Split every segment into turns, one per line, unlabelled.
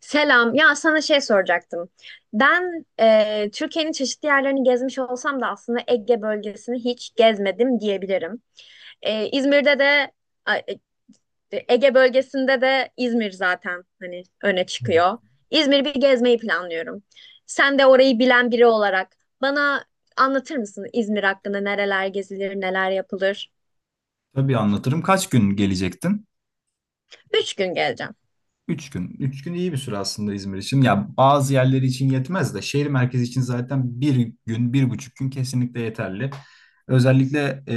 Selam. Ya sana şey soracaktım. Ben Türkiye'nin çeşitli yerlerini gezmiş olsam da aslında Ege bölgesini hiç gezmedim diyebilirim. E, İzmir'de de a- e, e, Ege bölgesinde de İzmir zaten hani öne çıkıyor. İzmir'i bir gezmeyi planlıyorum. Sen de orayı bilen biri olarak bana anlatır mısın İzmir hakkında nereler gezilir, neler yapılır?
Tabii anlatırım. Kaç gün gelecektin?
Üç gün geleceğim.
3 gün. 3 gün iyi bir süre aslında İzmir için. Ya bazı yerleri için yetmez de şehir merkezi için zaten 1 gün, 1,5 gün kesinlikle yeterli. Özellikle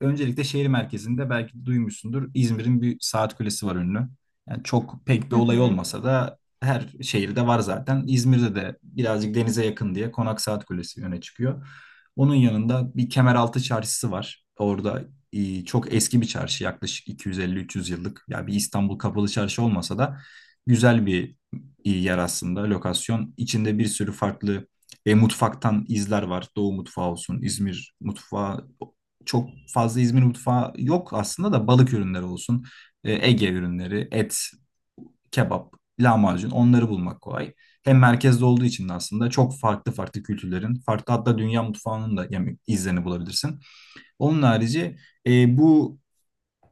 öncelikle şehir merkezinde belki duymuşsundur İzmir'in bir saat kulesi var ünlü. Yani çok pek bir
Hı
olay
hı.
olmasa da her şehirde var zaten. İzmir'de de birazcık denize yakın diye Konak Saat Kulesi öne çıkıyor. Onun yanında bir Kemeraltı Çarşısı var. Orada çok eski bir çarşı, yaklaşık 250-300 yıllık. Ya bir İstanbul Kapalı Çarşı olmasa da güzel bir yer aslında, lokasyon. İçinde bir sürü farklı mutfaktan izler var. Doğu mutfağı olsun, İzmir mutfağı. Çok fazla İzmir mutfağı yok aslında da balık ürünleri olsun. Ege ürünleri, et, kebap, lahmacun, onları bulmak kolay. Hem merkezde olduğu için de aslında çok farklı farklı kültürlerin, farklı hatta dünya mutfağının da yani izlerini bulabilirsin. Onun harici, bu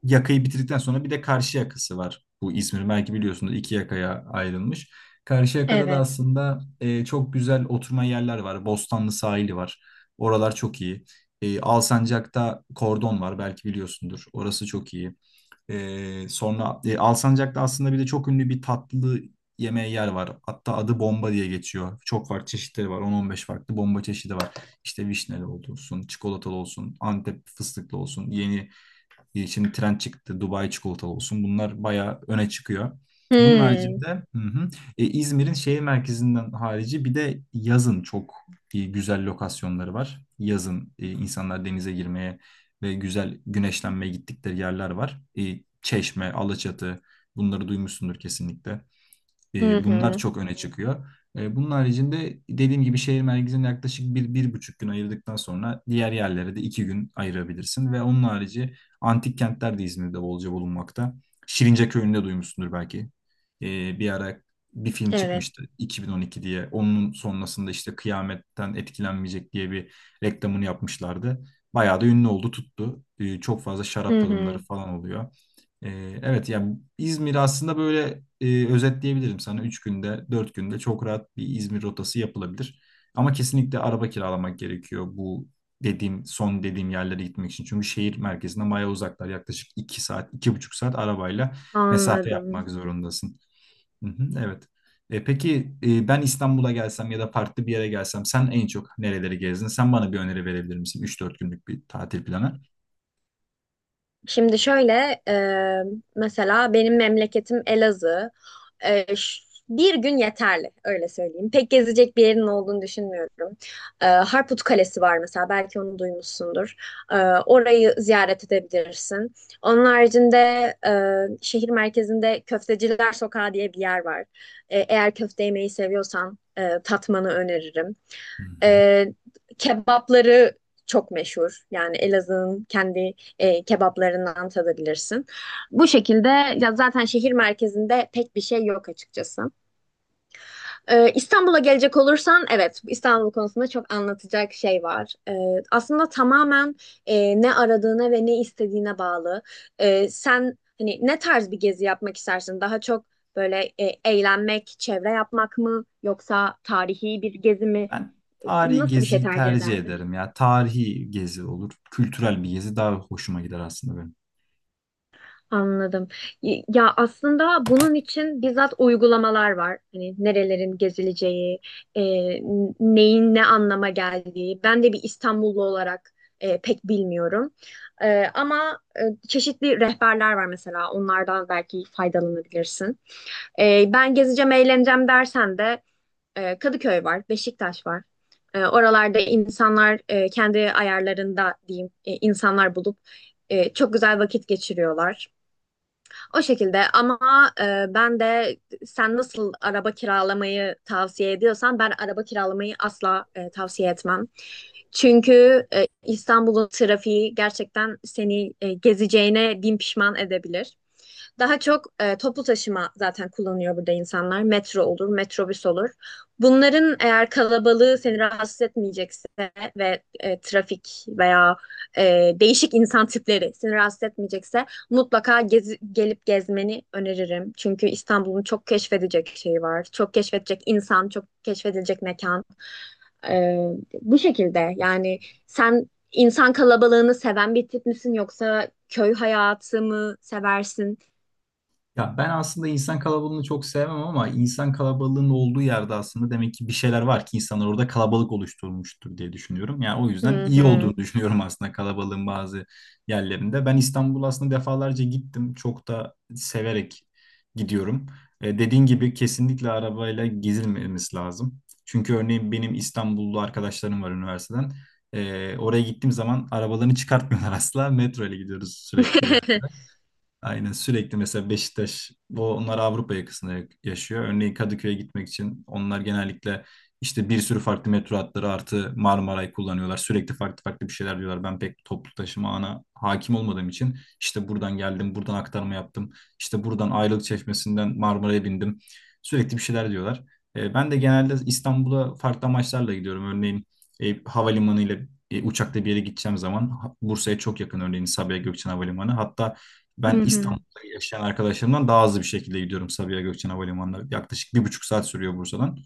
yakayı bitirdikten sonra bir de karşı yakası var. Bu İzmir belki biliyorsunuz 2 yakaya ayrılmış. Karşı yakada da
Evet.
aslında çok güzel oturma yerler var. Bostanlı sahili var. Oralar çok iyi. Alsancak'ta Kordon var belki biliyorsundur. Orası çok iyi. Sonra Alsancak'ta aslında bir de çok ünlü bir tatlı yemeği yer var. Hatta adı bomba diye geçiyor. Çok farklı çeşitleri var. 10-15 farklı bomba çeşidi var. İşte vişneli olsun, çikolatalı olsun, Antep fıstıklı olsun, şimdi trend çıktı, Dubai çikolatalı olsun. Bunlar bayağı öne çıkıyor. Bunun
Hı
haricinde. Hı hı. İzmir'in şehir merkezinden harici bir de yazın çok güzel lokasyonları var. Yazın insanlar denize girmeye ve güzel güneşlenmeye gittikleri yerler var. Çeşme, Alaçatı, bunları duymuşsundur kesinlikle.
hı.
Bunlar
Hı.
çok öne çıkıyor. Bunun haricinde dediğim gibi şehir merkezine yaklaşık bir, bir buçuk gün ayırdıktan sonra diğer yerlere de 2 gün ayırabilirsin. Ve onun harici antik kentler de İzmir'de bolca bulunmakta. Şirince Köyü'nde duymuşsundur belki. Bir ara bir film
Evet.
çıkmıştı, 2012 diye. Onun sonrasında işte kıyametten etkilenmeyecek diye bir reklamını yapmışlardı. Bayağı da ünlü oldu, tuttu. Çok fazla şarap
Hı
tadımları
hı.
falan oluyor. Evet, yani İzmir aslında böyle, özetleyebilirim sana. Üç günde, 4 günde çok rahat bir İzmir rotası yapılabilir. Ama kesinlikle araba kiralamak gerekiyor bu dediğim, son dediğim yerlere gitmek için. Çünkü şehir merkezinden bayağı uzaklar. Yaklaşık 2 saat, 2,5 saat arabayla mesafe
Anladım.
yapmak zorundasın. Hı hı, evet. Peki, ben İstanbul'a gelsem ya da farklı bir yere gelsem sen en çok nereleri gezdin? Sen bana bir öneri verebilir misin? 3 4 günlük bir tatil planı.
Şimdi şöyle e, Mesela benim memleketim Elazığ. E, ş- Bir gün yeterli öyle söyleyeyim. Pek gezecek bir yerin olduğunu düşünmüyorum. Harput Kalesi var mesela, belki onu duymuşsundur. E, Orayı ziyaret edebilirsin. Onun haricinde e, şehir merkezinde Köfteciler Sokağı diye bir yer var. E, eğer köfte yemeyi seviyorsan tatmanı öneririm.
Hı
E,
hı.
Kebapları çok meşhur. Yani Elazığ'ın kendi kebaplarından tadabilirsin. Bu şekilde, ya zaten şehir merkezinde pek bir şey yok açıkçası. İstanbul'a gelecek olursan, evet, İstanbul konusunda çok anlatacak şey var. Aslında tamamen ne aradığına ve ne istediğine bağlı. Sen hani ne tarz bir gezi yapmak istersin? Daha çok eğlenmek, çevre yapmak mı yoksa tarihi bir gezi mi?
Ben tarihi
Nasıl bir şey
geziyi
tercih
tercih
ederdin?
ederim ya. Tarihi gezi olur. Kültürel bir gezi daha hoşuma gider aslında benim.
Anladım. Ya aslında bunun için bizzat uygulamalar var. Hani nerelerin gezileceği, e, neyin ne anlama geldiği. Ben de bir İstanbullu olarak pek bilmiyorum. Ama çeşitli rehberler var mesela. Onlardan belki faydalanabilirsin. Ben gezeceğim, eğleneceğim dersen de Kadıköy var, Beşiktaş var. Oralarda insanlar kendi ayarlarında diyeyim, insanlar bulup çok güzel vakit geçiriyorlar. O şekilde. Ama ben de, sen nasıl araba kiralamayı tavsiye ediyorsan, ben araba kiralamayı asla tavsiye etmem. Çünkü İstanbul'un trafiği gerçekten seni gezeceğine bin pişman edebilir. Daha çok toplu taşıma zaten kullanıyor burada insanlar. Metro olur, metrobüs olur. Bunların eğer kalabalığı seni rahatsız etmeyecekse ve trafik veya e, değişik insan tipleri seni rahatsız etmeyecekse mutlaka gelip gezmeni öneririm. Çünkü İstanbul'un çok keşfedecek şeyi var. Çok keşfedecek insan, çok keşfedilecek mekan. Ee, Bu şekilde yani. Sen insan kalabalığını seven bir tip misin yoksa köy hayatı mı seversin?
Ya ben aslında insan kalabalığını çok sevmem ama insan kalabalığının olduğu yerde aslında demek ki bir şeyler var ki insanlar orada kalabalık oluşturmuştur diye düşünüyorum. Yani o yüzden
Hı
iyi olduğunu
hı.
düşünüyorum aslında kalabalığın bazı yerlerinde. Ben İstanbul aslında defalarca gittim. Çok da severek gidiyorum. Dediğin gibi kesinlikle arabayla gezilmemesi lazım. Çünkü örneğin benim İstanbullu arkadaşlarım var üniversiteden. Oraya gittiğim zaman arabalarını çıkartmıyorlar asla. Metro ile gidiyoruz sürekli. Aynen, sürekli mesela Beşiktaş, bu onlar Avrupa yakasında yaşıyor. Örneğin Kadıköy'e gitmek için onlar genellikle işte bir sürü farklı metro hatları artı Marmaray kullanıyorlar. Sürekli farklı farklı bir şeyler diyorlar. Ben pek toplu taşıma ana hakim olmadığım için işte buradan geldim, buradan aktarma yaptım. İşte buradan Ayrılık Çeşmesi'nden Marmaray'a bindim. Sürekli bir şeyler diyorlar. Ben de genelde İstanbul'a farklı amaçlarla gidiyorum. Örneğin havalimanı ile uçakla bir yere gideceğim zaman Bursa'ya çok yakın örneğin Sabiha Gökçen Havalimanı. Hatta
Hı
ben
hı.
İstanbul'da yaşayan arkadaşlarımdan daha hızlı bir şekilde gidiyorum Sabiha Gökçen Havalimanı'na. Yaklaşık 1,5 saat sürüyor Bursa'dan.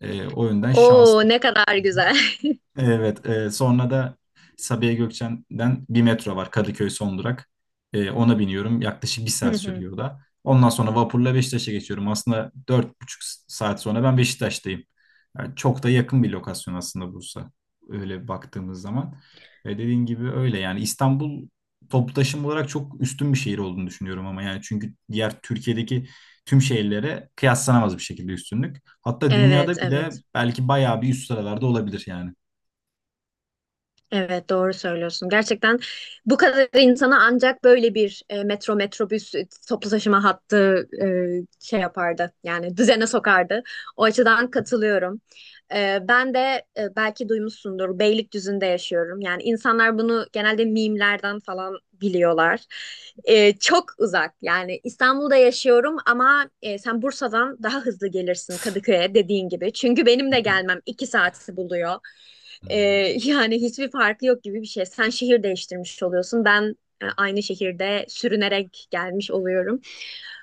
O yönden şans...
Oo, ne kadar güzel.
Evet, sonra da Sabiha Gökçen'den bir metro var, Kadıköy son durak. Ona biniyorum. Yaklaşık bir
Hı
saat
hı.
sürüyor o da. Ondan sonra vapurla Beşiktaş'a geçiyorum. Aslında 4,5 saat sonra ben Beşiktaş'tayım. Yani çok da yakın bir lokasyon aslında Bursa, öyle baktığımız zaman. Ve dediğin gibi öyle yani, İstanbul toplu taşıma olarak çok üstün bir şehir olduğunu düşünüyorum ama yani çünkü diğer Türkiye'deki tüm şehirlere kıyaslanamaz bir şekilde üstünlük. Hatta
Evet,
dünyada bile
evet.
belki bayağı bir üst sıralarda olabilir yani.
Evet, doğru söylüyorsun. Gerçekten bu kadar insana ancak böyle bir metro, metrobüs, toplu taşıma hattı şey yapardı. Yani düzene sokardı. O açıdan katılıyorum. Ben de, belki duymuşsundur, Beylikdüzü'nde yaşıyorum. Yani insanlar bunu genelde mimlerden falan biliyorlar. Çok uzak. Yani İstanbul'da yaşıyorum ama sen Bursa'dan daha hızlı gelirsin Kadıköy'e dediğin gibi. Çünkü benim de gelmem iki saati buluyor. Ee,
Hmm.
yani hiçbir farkı yok gibi bir şey. Sen şehir değiştirmiş oluyorsun. Ben aynı şehirde sürünerek gelmiş oluyorum.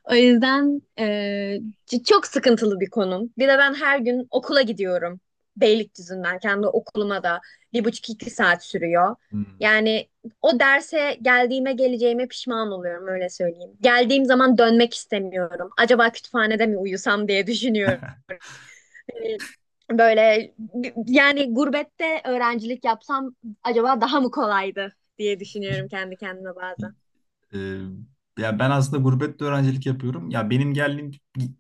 O yüzden çok sıkıntılı bir konum. Bir de ben her gün okula gidiyorum. Beylikdüzü'nden kendi okuluma da bir buçuk, iki saat sürüyor.
Hmm.
Yani o derse geldiğime geleceğime pişman oluyorum öyle söyleyeyim. Geldiğim zaman dönmek istemiyorum. Acaba kütüphanede mi uyusam diye düşünüyorum, e, böyle yani gurbette öğrencilik yapsam acaba daha mı kolaydı diye düşünüyorum kendi kendime bazen.
Ee, ya ben aslında gurbette öğrencilik yapıyorum. Ya benim geldiğim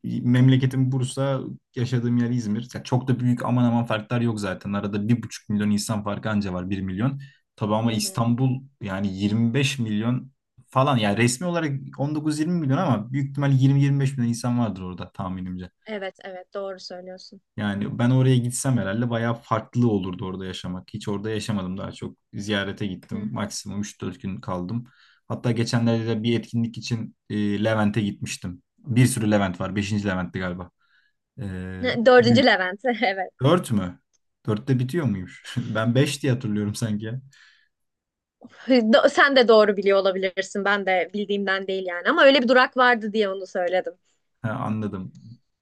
memleketim Bursa, yaşadığım yer İzmir. Ya çok da büyük aman aman farklar yok zaten. Arada 1,5 milyon insan farkı anca var, 1 milyon. Tabii ama
Hı hı.
İstanbul yani 25 milyon falan. Yani resmi olarak 19-20 milyon ama büyük ihtimal 20-25 milyon insan vardır orada tahminimce.
Evet, evet, doğru söylüyorsun.
Yani ben oraya gitsem herhalde bayağı farklı olurdu orada yaşamak. Hiç orada yaşamadım daha çok. Ziyarete
Hı
gittim.
hı.
Maksimum 3 4 gün kaldım. Hatta geçenlerde de bir etkinlik için Levent'e gitmiştim. Bir sürü Levent var. 5. Levent'ti galiba. E,
Dördüncü
büyük.
Levent evet.
Dört mü? Dörtte bitiyor muymuş? Ben beş diye hatırlıyorum sanki, ya.
Sen de doğru biliyor olabilirsin. Ben de bildiğimden değil yani, ama öyle bir durak vardı diye onu söyledim.
Ha, anladım.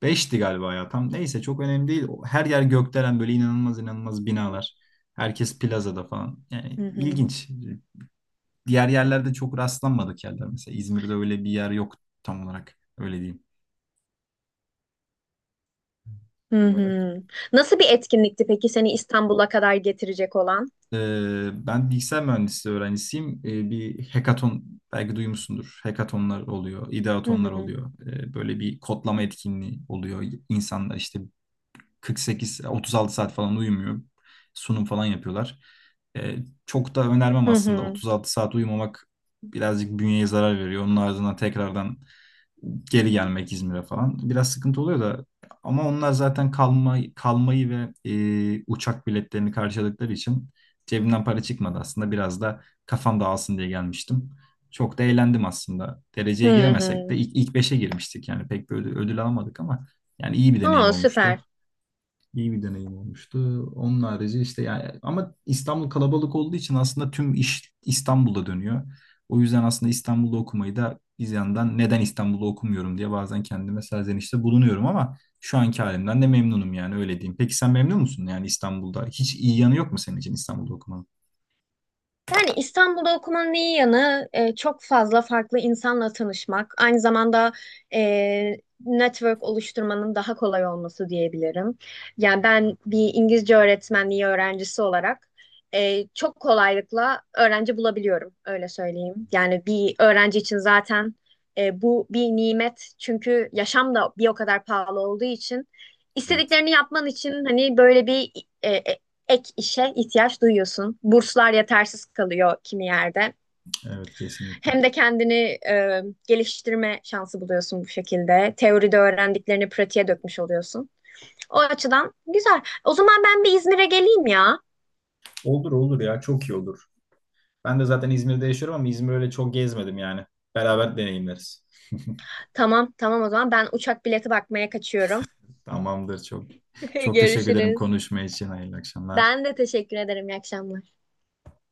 Beşti galiba ya. Tam neyse çok önemli değil. Her yer gökdelen, böyle inanılmaz inanılmaz binalar. Herkes plazada falan. Yani
Hı hı.
ilginç. Diğer yerlerde çok rastlanmadık yerler. Mesela İzmir'de öyle bir yer yok tam olarak. Öyle diyeyim
Hı
olarak.
hı. Nasıl bir etkinlikti peki seni İstanbul'a kadar getirecek olan?
Ben bilgisayar mühendisliği öğrencisiyim. Bir hackathon belki duymuşsundur. Hackathonlar oluyor,
Hı
ideatonlar
hı.
oluyor. Böyle bir kodlama etkinliği oluyor. İnsanlar işte 48-36 saat falan uyumuyor. Sunum falan yapıyorlar. Ee, çok da önermem
Hı
aslında.
hı.
36 saat uyumamak birazcık bünyeye zarar veriyor. Onun ardından tekrardan geri gelmek İzmir'e falan biraz sıkıntı oluyor da, ama onlar zaten kalmayı ve uçak biletlerini karşıladıkları için cebimden para çıkmadı, aslında biraz da kafam dağılsın diye gelmiştim. Çok da eğlendim aslında.
Hı
Dereceye giremesek
hı.
de ilk beşe girmiştik, yani pek bir ödül alamadık ama yani iyi bir deneyim
Aa,
olmuştu.
süper.
İyi bir deneyim olmuştu. Onun harici işte, yani ama İstanbul kalabalık olduğu için aslında tüm iş İstanbul'da dönüyor. O yüzden aslında İstanbul'da okumayı da bir yandan, neden İstanbul'da okumuyorum diye bazen kendime serzenişte bulunuyorum ama şu anki halimden de memnunum yani, öyle diyeyim. Peki sen memnun musun yani İstanbul'da? Hiç iyi yanı yok mu senin için İstanbul'da okumanın?
Yani İstanbul'da okumanın iyi yanı, çok fazla farklı insanla tanışmak, aynı zamanda e, network oluşturmanın daha kolay olması diyebilirim. Yani ben bir İngilizce öğretmenliği öğrencisi olarak çok kolaylıkla öğrenci bulabiliyorum, öyle söyleyeyim. Yani bir öğrenci için zaten bu bir nimet, çünkü yaşam da bir o kadar pahalı olduğu için
Evet,
istediklerini yapman için hani böyle bir e, e, ek işe ihtiyaç duyuyorsun. Burslar yetersiz kalıyor kimi yerde.
evet kesinlikle.
Hem de kendini e, geliştirme şansı buluyorsun bu şekilde. Teoride öğrendiklerini pratiğe dökmüş oluyorsun. O açıdan güzel. O zaman ben bir İzmir'e geleyim ya.
Olur olur ya, çok iyi olur. Ben de zaten İzmir'de yaşıyorum ama İzmir'i öyle çok gezmedim yani. Beraber deneyimleriz.
Tamam, tamam, o zaman ben uçak bileti bakmaya kaçıyorum.
Tamamdır, çok. Çok teşekkür ederim
Görüşürüz.
konuşma için. Hayırlı akşamlar.
Ben de teşekkür ederim. İyi akşamlar.